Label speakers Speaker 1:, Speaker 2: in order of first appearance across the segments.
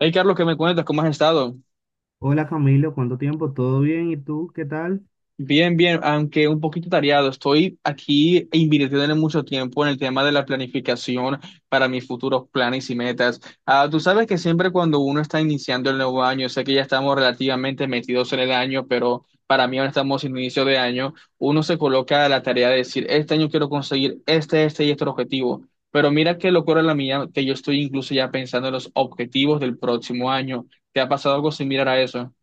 Speaker 1: Hey Carlos, ¿qué me cuentas? ¿Cómo has estado?
Speaker 2: Hola Camilo, ¿cuánto tiempo? ¿Todo bien? ¿Y tú qué tal?
Speaker 1: Bien, bien, aunque un poquito tareado. Estoy aquí invirtiendo mucho tiempo en el tema de la planificación para mis futuros planes y metas. Ah, tú sabes que siempre cuando uno está iniciando el nuevo año, sé que ya estamos relativamente metidos en el año, pero para mí ahora estamos en inicio de año, uno se coloca a la tarea de decir, este año quiero conseguir este, este y este objetivo. Pero mira qué locura la mía, que yo estoy incluso ya pensando en los objetivos del próximo año. ¿Te ha pasado algo similar a eso?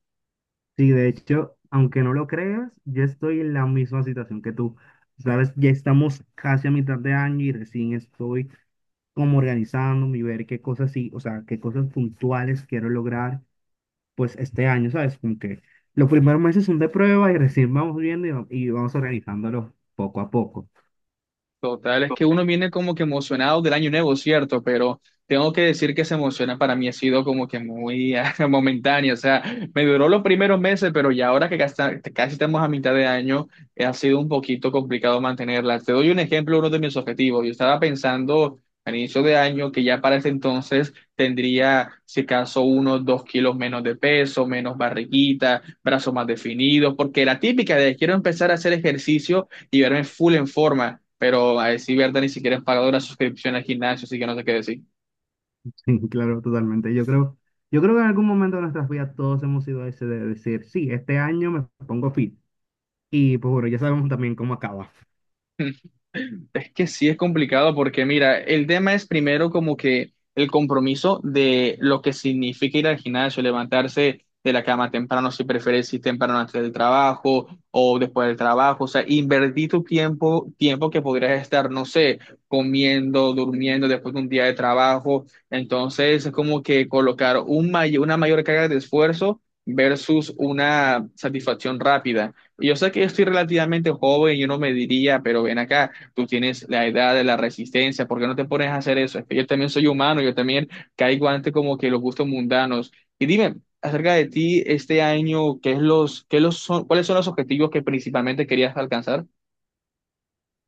Speaker 2: Sí, de hecho, aunque no lo creas, yo estoy en la misma situación que tú. Sabes, ya estamos casi a mitad de año y recién estoy como organizando, y ver qué cosas sí, o sea, qué cosas puntuales quiero lograr, pues este año, ¿sabes? Como que los primeros meses son de prueba y recién vamos viendo y vamos organizándolo poco a poco.
Speaker 1: Total, es que uno viene como que emocionado del año nuevo, ¿cierto? Pero tengo que decir que esa emoción para mí ha sido como que muy ah, momentánea, o sea, me duró los primeros meses, pero ya ahora que casi, casi estamos a mitad de año, ha sido un poquito complicado mantenerla. Te doy un ejemplo, uno de mis objetivos. Yo estaba pensando al inicio de año que ya para ese entonces tendría, si acaso, unos dos kilos menos de peso, menos barriguita, brazos más definidos, porque la típica de quiero empezar a hacer ejercicio y verme full en forma, pero a decir verdad ni siquiera es pagado la suscripción al gimnasio, así que no sé qué decir.
Speaker 2: Sí, claro, totalmente. Yo creo que en algún momento de nuestras vidas todos hemos sido ese de decir, sí, este año me pongo fit. Y pues bueno, ya sabemos también cómo acaba.
Speaker 1: Es que sí es complicado porque, mira, el tema es primero como que el compromiso de lo que significa ir al gimnasio, levantarse de la cama temprano, si prefieres, si temprano antes del trabajo o después del trabajo, o sea, invertir tu tiempo, tiempo que podrías estar, no sé, comiendo, durmiendo después de un día de trabajo. Entonces, es como que colocar un una mayor carga de esfuerzo versus una satisfacción rápida. Y yo sé que estoy relativamente joven, yo no me diría, pero ven acá tú tienes la edad de la resistencia, ¿por qué no te pones a hacer eso? Es que yo también soy humano, yo también caigo ante como que los gustos mundanos. Y dime, acerca de ti este año, ¿qué es los, qué los son, ¿cuáles son los objetivos que principalmente querías alcanzar?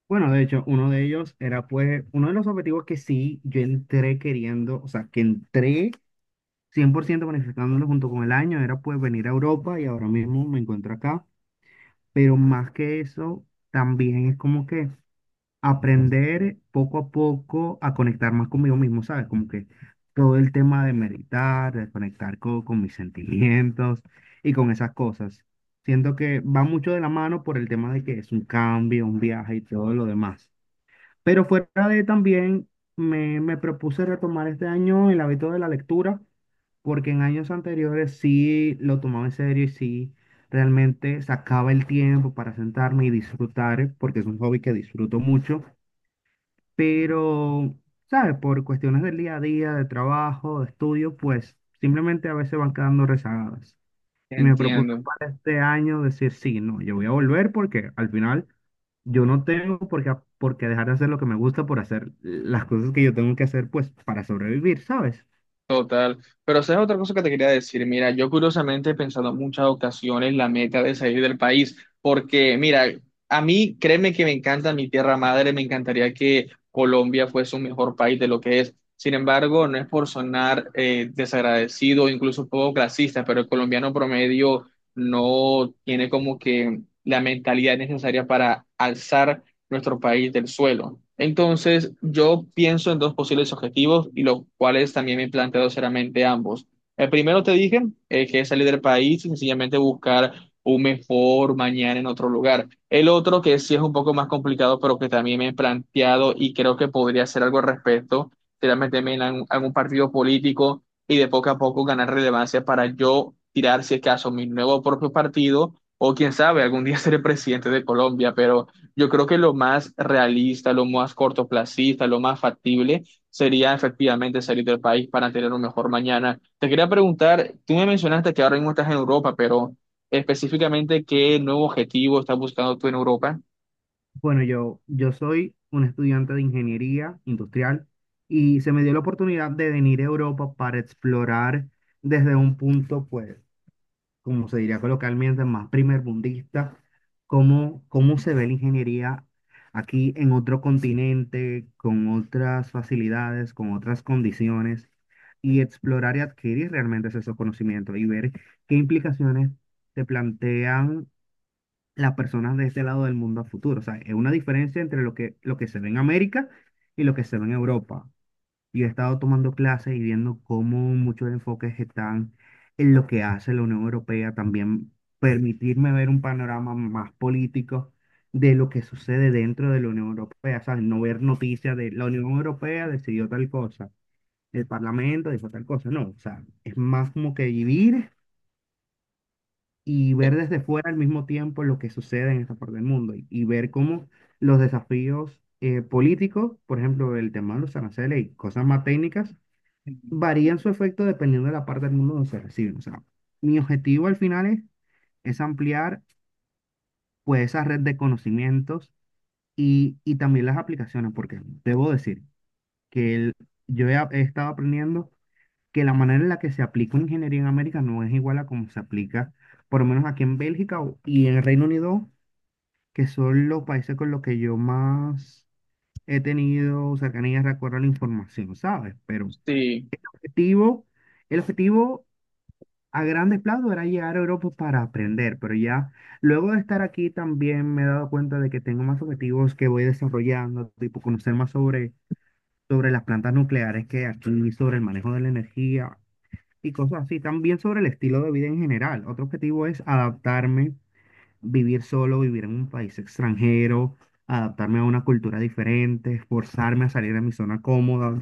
Speaker 2: Bueno, de hecho, uno de ellos era pues uno de los objetivos que sí yo entré queriendo, o sea, que entré 100% planificándolo junto con el año, era pues venir a Europa y ahora mismo me encuentro acá. Pero más que eso, también es como que aprender poco a poco a conectar más conmigo mismo, ¿sabes? Como que todo el tema de meditar, de conectar con, mis sentimientos y con esas cosas. Siento que va mucho de la mano por el tema de que es un cambio, un viaje y todo lo demás. Pero fuera de también, me propuse retomar este año el hábito de la lectura, porque en años anteriores sí lo tomaba en serio y sí realmente sacaba el tiempo para sentarme y disfrutar, porque es un hobby que disfruto mucho pero, ¿sabes? Por cuestiones del día a día, de trabajo, de estudio, pues simplemente a veces van quedando rezagadas. Y me propuse
Speaker 1: Entiendo.
Speaker 2: para este año decir, sí, no, yo voy a volver porque al final yo no tengo por qué dejar de hacer lo que me gusta por hacer las cosas que yo tengo que hacer, pues para sobrevivir, ¿sabes?
Speaker 1: Total. Pero sabes otra cosa que te quería decir. Mira, yo curiosamente he pensado en muchas ocasiones la meta de salir del país, porque mira, a mí créeme que me encanta mi tierra madre, me encantaría que Colombia fuese un mejor país de lo que es. Sin embargo, no es por sonar desagradecido o incluso un poco clasista, pero el colombiano promedio no tiene como que la mentalidad necesaria para alzar nuestro país del suelo. Entonces, yo pienso en dos posibles objetivos y los cuales también me he planteado seriamente ambos. El primero te dije que es salir del país y sencillamente buscar un mejor mañana en otro lugar. El otro, que sí es un poco más complicado, pero que también me he planteado y creo que podría hacer algo al respecto, sería meterme en algún partido político y de poco a poco ganar relevancia para yo tirar, si es caso, mi nuevo propio partido o quién sabe, algún día seré presidente de Colombia, pero... Yo creo que lo más realista, lo más cortoplacista, lo más factible sería efectivamente salir del país para tener un mejor mañana. Te quería preguntar, tú me mencionaste que ahora mismo estás en Europa, pero específicamente, ¿qué nuevo objetivo estás buscando tú en Europa?
Speaker 2: Bueno, yo soy un estudiante de ingeniería industrial y se me dio la oportunidad de venir a Europa para explorar desde un punto, pues como se diría coloquialmente, más primermundista, cómo se ve la ingeniería aquí en otro continente, con otras facilidades, con otras condiciones, y explorar y adquirir realmente esos conocimientos y ver qué implicaciones te plantean las personas de este lado del mundo a futuro. O sea, es una diferencia entre lo que se ve en América y lo que se ve en Europa. Yo he estado tomando clases y viendo cómo muchos enfoques están en lo que hace la Unión Europea, también permitirme ver un panorama más político de lo que sucede dentro de la Unión Europea, ¿sabes? No ver noticias de la Unión Europea decidió tal cosa, el Parlamento dijo tal cosa, no, o sea, es más como que vivir y
Speaker 1: Eh,
Speaker 2: ver desde fuera al mismo tiempo lo que sucede en esta parte del mundo y ver cómo los desafíos políticos, por ejemplo, el tema de los aranceles y cosas más técnicas, varían su efecto dependiendo de la parte del mundo donde se reciben. O sea, mi objetivo al final es ampliar pues esa red de conocimientos y también las aplicaciones, porque debo decir que yo he, he estado aprendiendo que la manera en la que se aplica una ingeniería en América no es igual a como se aplica, por lo menos aquí en Bélgica y en el Reino Unido, que son los países con los que yo más he tenido cercanía, recuerdo la información, ¿sabes? Pero
Speaker 1: Sí.
Speaker 2: objetivo... El objetivo a grandes planos era llegar a Europa para aprender, pero ya luego de estar aquí también me he dado cuenta de que tengo más objetivos que voy desarrollando, tipo conocer más sobre las plantas nucleares que aquí, sobre el manejo de la energía y cosas así, también sobre el estilo de vida en general. Otro objetivo es adaptarme, vivir solo, vivir en un país extranjero, adaptarme a una cultura diferente, forzarme a salir de mi zona cómoda.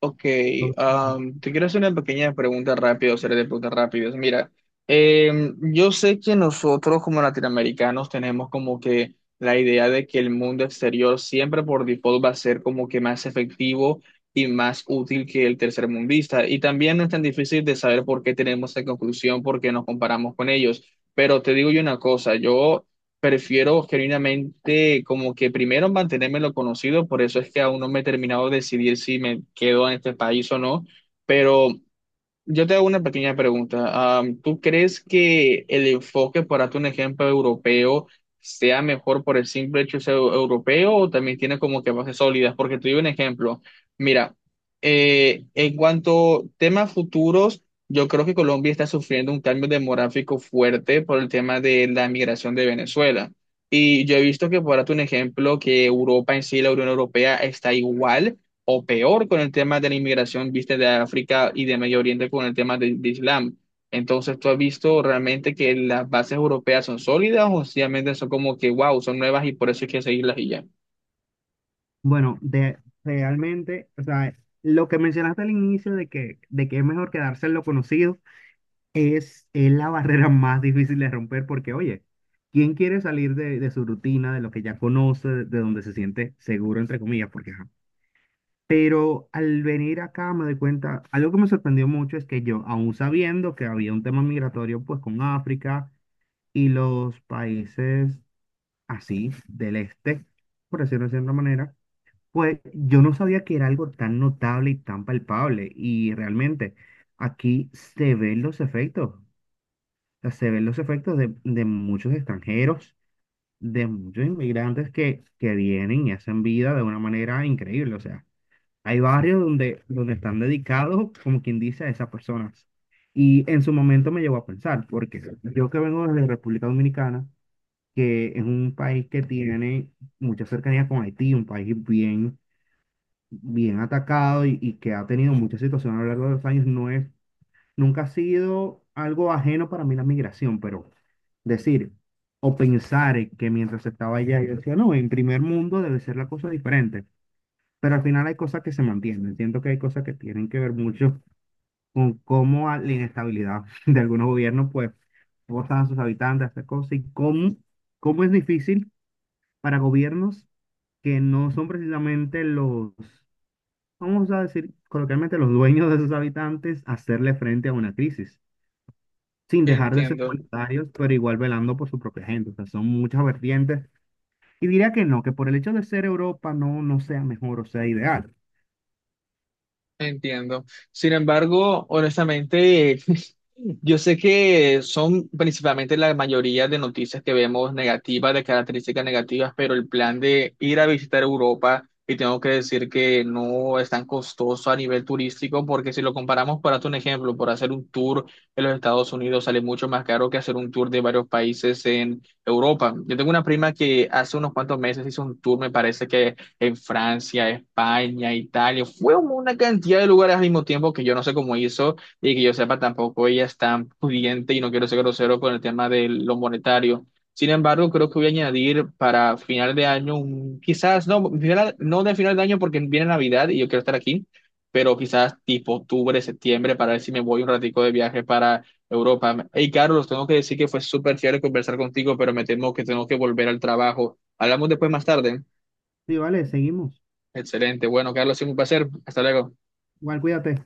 Speaker 1: Ok,
Speaker 2: Todo eso.
Speaker 1: te quiero hacer una pequeña pregunta rápida, o serie de preguntas rápidas. Mira, yo sé que nosotros como latinoamericanos tenemos como que la idea de que el mundo exterior siempre por default va a ser como que más efectivo y más útil que el tercermundista. Y también no es tan difícil de saber por qué tenemos esa conclusión, porque nos comparamos con ellos. Pero te digo yo una cosa, yo prefiero genuinamente como que primero mantenerme en lo conocido, por eso es que aún no me he terminado de decidir si me quedo en este país o no, pero yo te hago una pequeña pregunta. ¿Tú crees que el enfoque, por darte un ejemplo europeo, sea mejor por el simple hecho de ser europeo o también tiene como que bases sólidas? Porque te doy un ejemplo. Mira, en cuanto a temas futuros, yo creo que Colombia está sufriendo un cambio demográfico fuerte por el tema de la migración de Venezuela. Y yo he visto que, por darte un ejemplo, que Europa en sí, la Unión Europea, está igual o peor con el tema de la inmigración, viste, de África y de Medio Oriente con el tema de Islam. Entonces, ¿tú has visto realmente que las bases europeas son sólidas o sencillamente son como que, wow, son nuevas y por eso hay que seguirlas y ya?
Speaker 2: Bueno, de, realmente, o sea, lo que mencionaste al inicio de que es mejor quedarse en lo conocido es la barrera más difícil de romper porque, oye, ¿quién quiere salir de su rutina, de lo que ya conoce, de donde se siente seguro, entre comillas? Porque, ajá. Pero al venir acá me doy cuenta, algo que me sorprendió mucho es que yo, aún sabiendo que había un tema migratorio pues con África y los países así del este, por decirlo de cierta manera, pues yo no sabía que era algo tan notable y tan palpable y realmente aquí se ven los efectos, o sea, se ven los efectos de muchos extranjeros, de muchos inmigrantes que vienen y hacen vida de una manera increíble, o sea, hay barrios donde, donde están dedicados, como quien dice, a esas personas. Y en su momento me llevó a pensar, porque yo que vengo desde República Dominicana, que es un país que tiene mucha cercanía con Haití, un país bien bien atacado y que ha tenido muchas situaciones a lo largo de los años, no es, nunca ha sido algo ajeno para mí la migración, pero decir o pensar que mientras estaba allá, yo decía, no, en primer mundo debe ser la cosa diferente, pero al final hay cosas que se mantienen, entiendo que hay cosas que tienen que ver mucho con cómo la inestabilidad de algunos gobiernos, pues, forzan a sus habitantes a hacer cosas y cómo, cómo es difícil para gobiernos que no son precisamente los vamos a decir coloquialmente, los dueños de sus habitantes hacerle frente a una crisis, sin dejar de ser
Speaker 1: Entiendo.
Speaker 2: monetarios, pero igual velando por su propia gente. O sea, son muchas vertientes. Y diría que no, que por el hecho de ser Europa no, no sea mejor o sea ideal.
Speaker 1: Entiendo. Sin embargo, honestamente, yo sé que son principalmente la mayoría de noticias que vemos negativas, de características negativas, pero el plan de ir a visitar Europa, y tengo que decir que no es tan costoso a nivel turístico, porque si lo comparamos, por hacer un ejemplo, por hacer un tour en los Estados Unidos sale mucho más caro que hacer un tour de varios países en Europa. Yo tengo una prima que hace unos cuantos meses hizo un tour, me parece que en Francia, España, Italia, fue una cantidad de lugares al mismo tiempo que yo no sé cómo hizo y que yo sepa tampoco ella es tan pudiente y no quiero ser grosero con el tema de lo monetario. Sin embargo, creo que voy a añadir para final de año, quizás no, no de final de año porque viene Navidad y yo quiero estar aquí, pero quizás tipo octubre, septiembre, para ver si me voy un ratico de viaje para Europa. Hey, Carlos, tengo que decir que fue súper chévere conversar contigo, pero me temo que tengo que volver al trabajo. Hablamos después más tarde.
Speaker 2: Sí, vale, seguimos.
Speaker 1: Excelente. Bueno, Carlos, siempre un placer. Hasta luego.
Speaker 2: Igual, cuídate.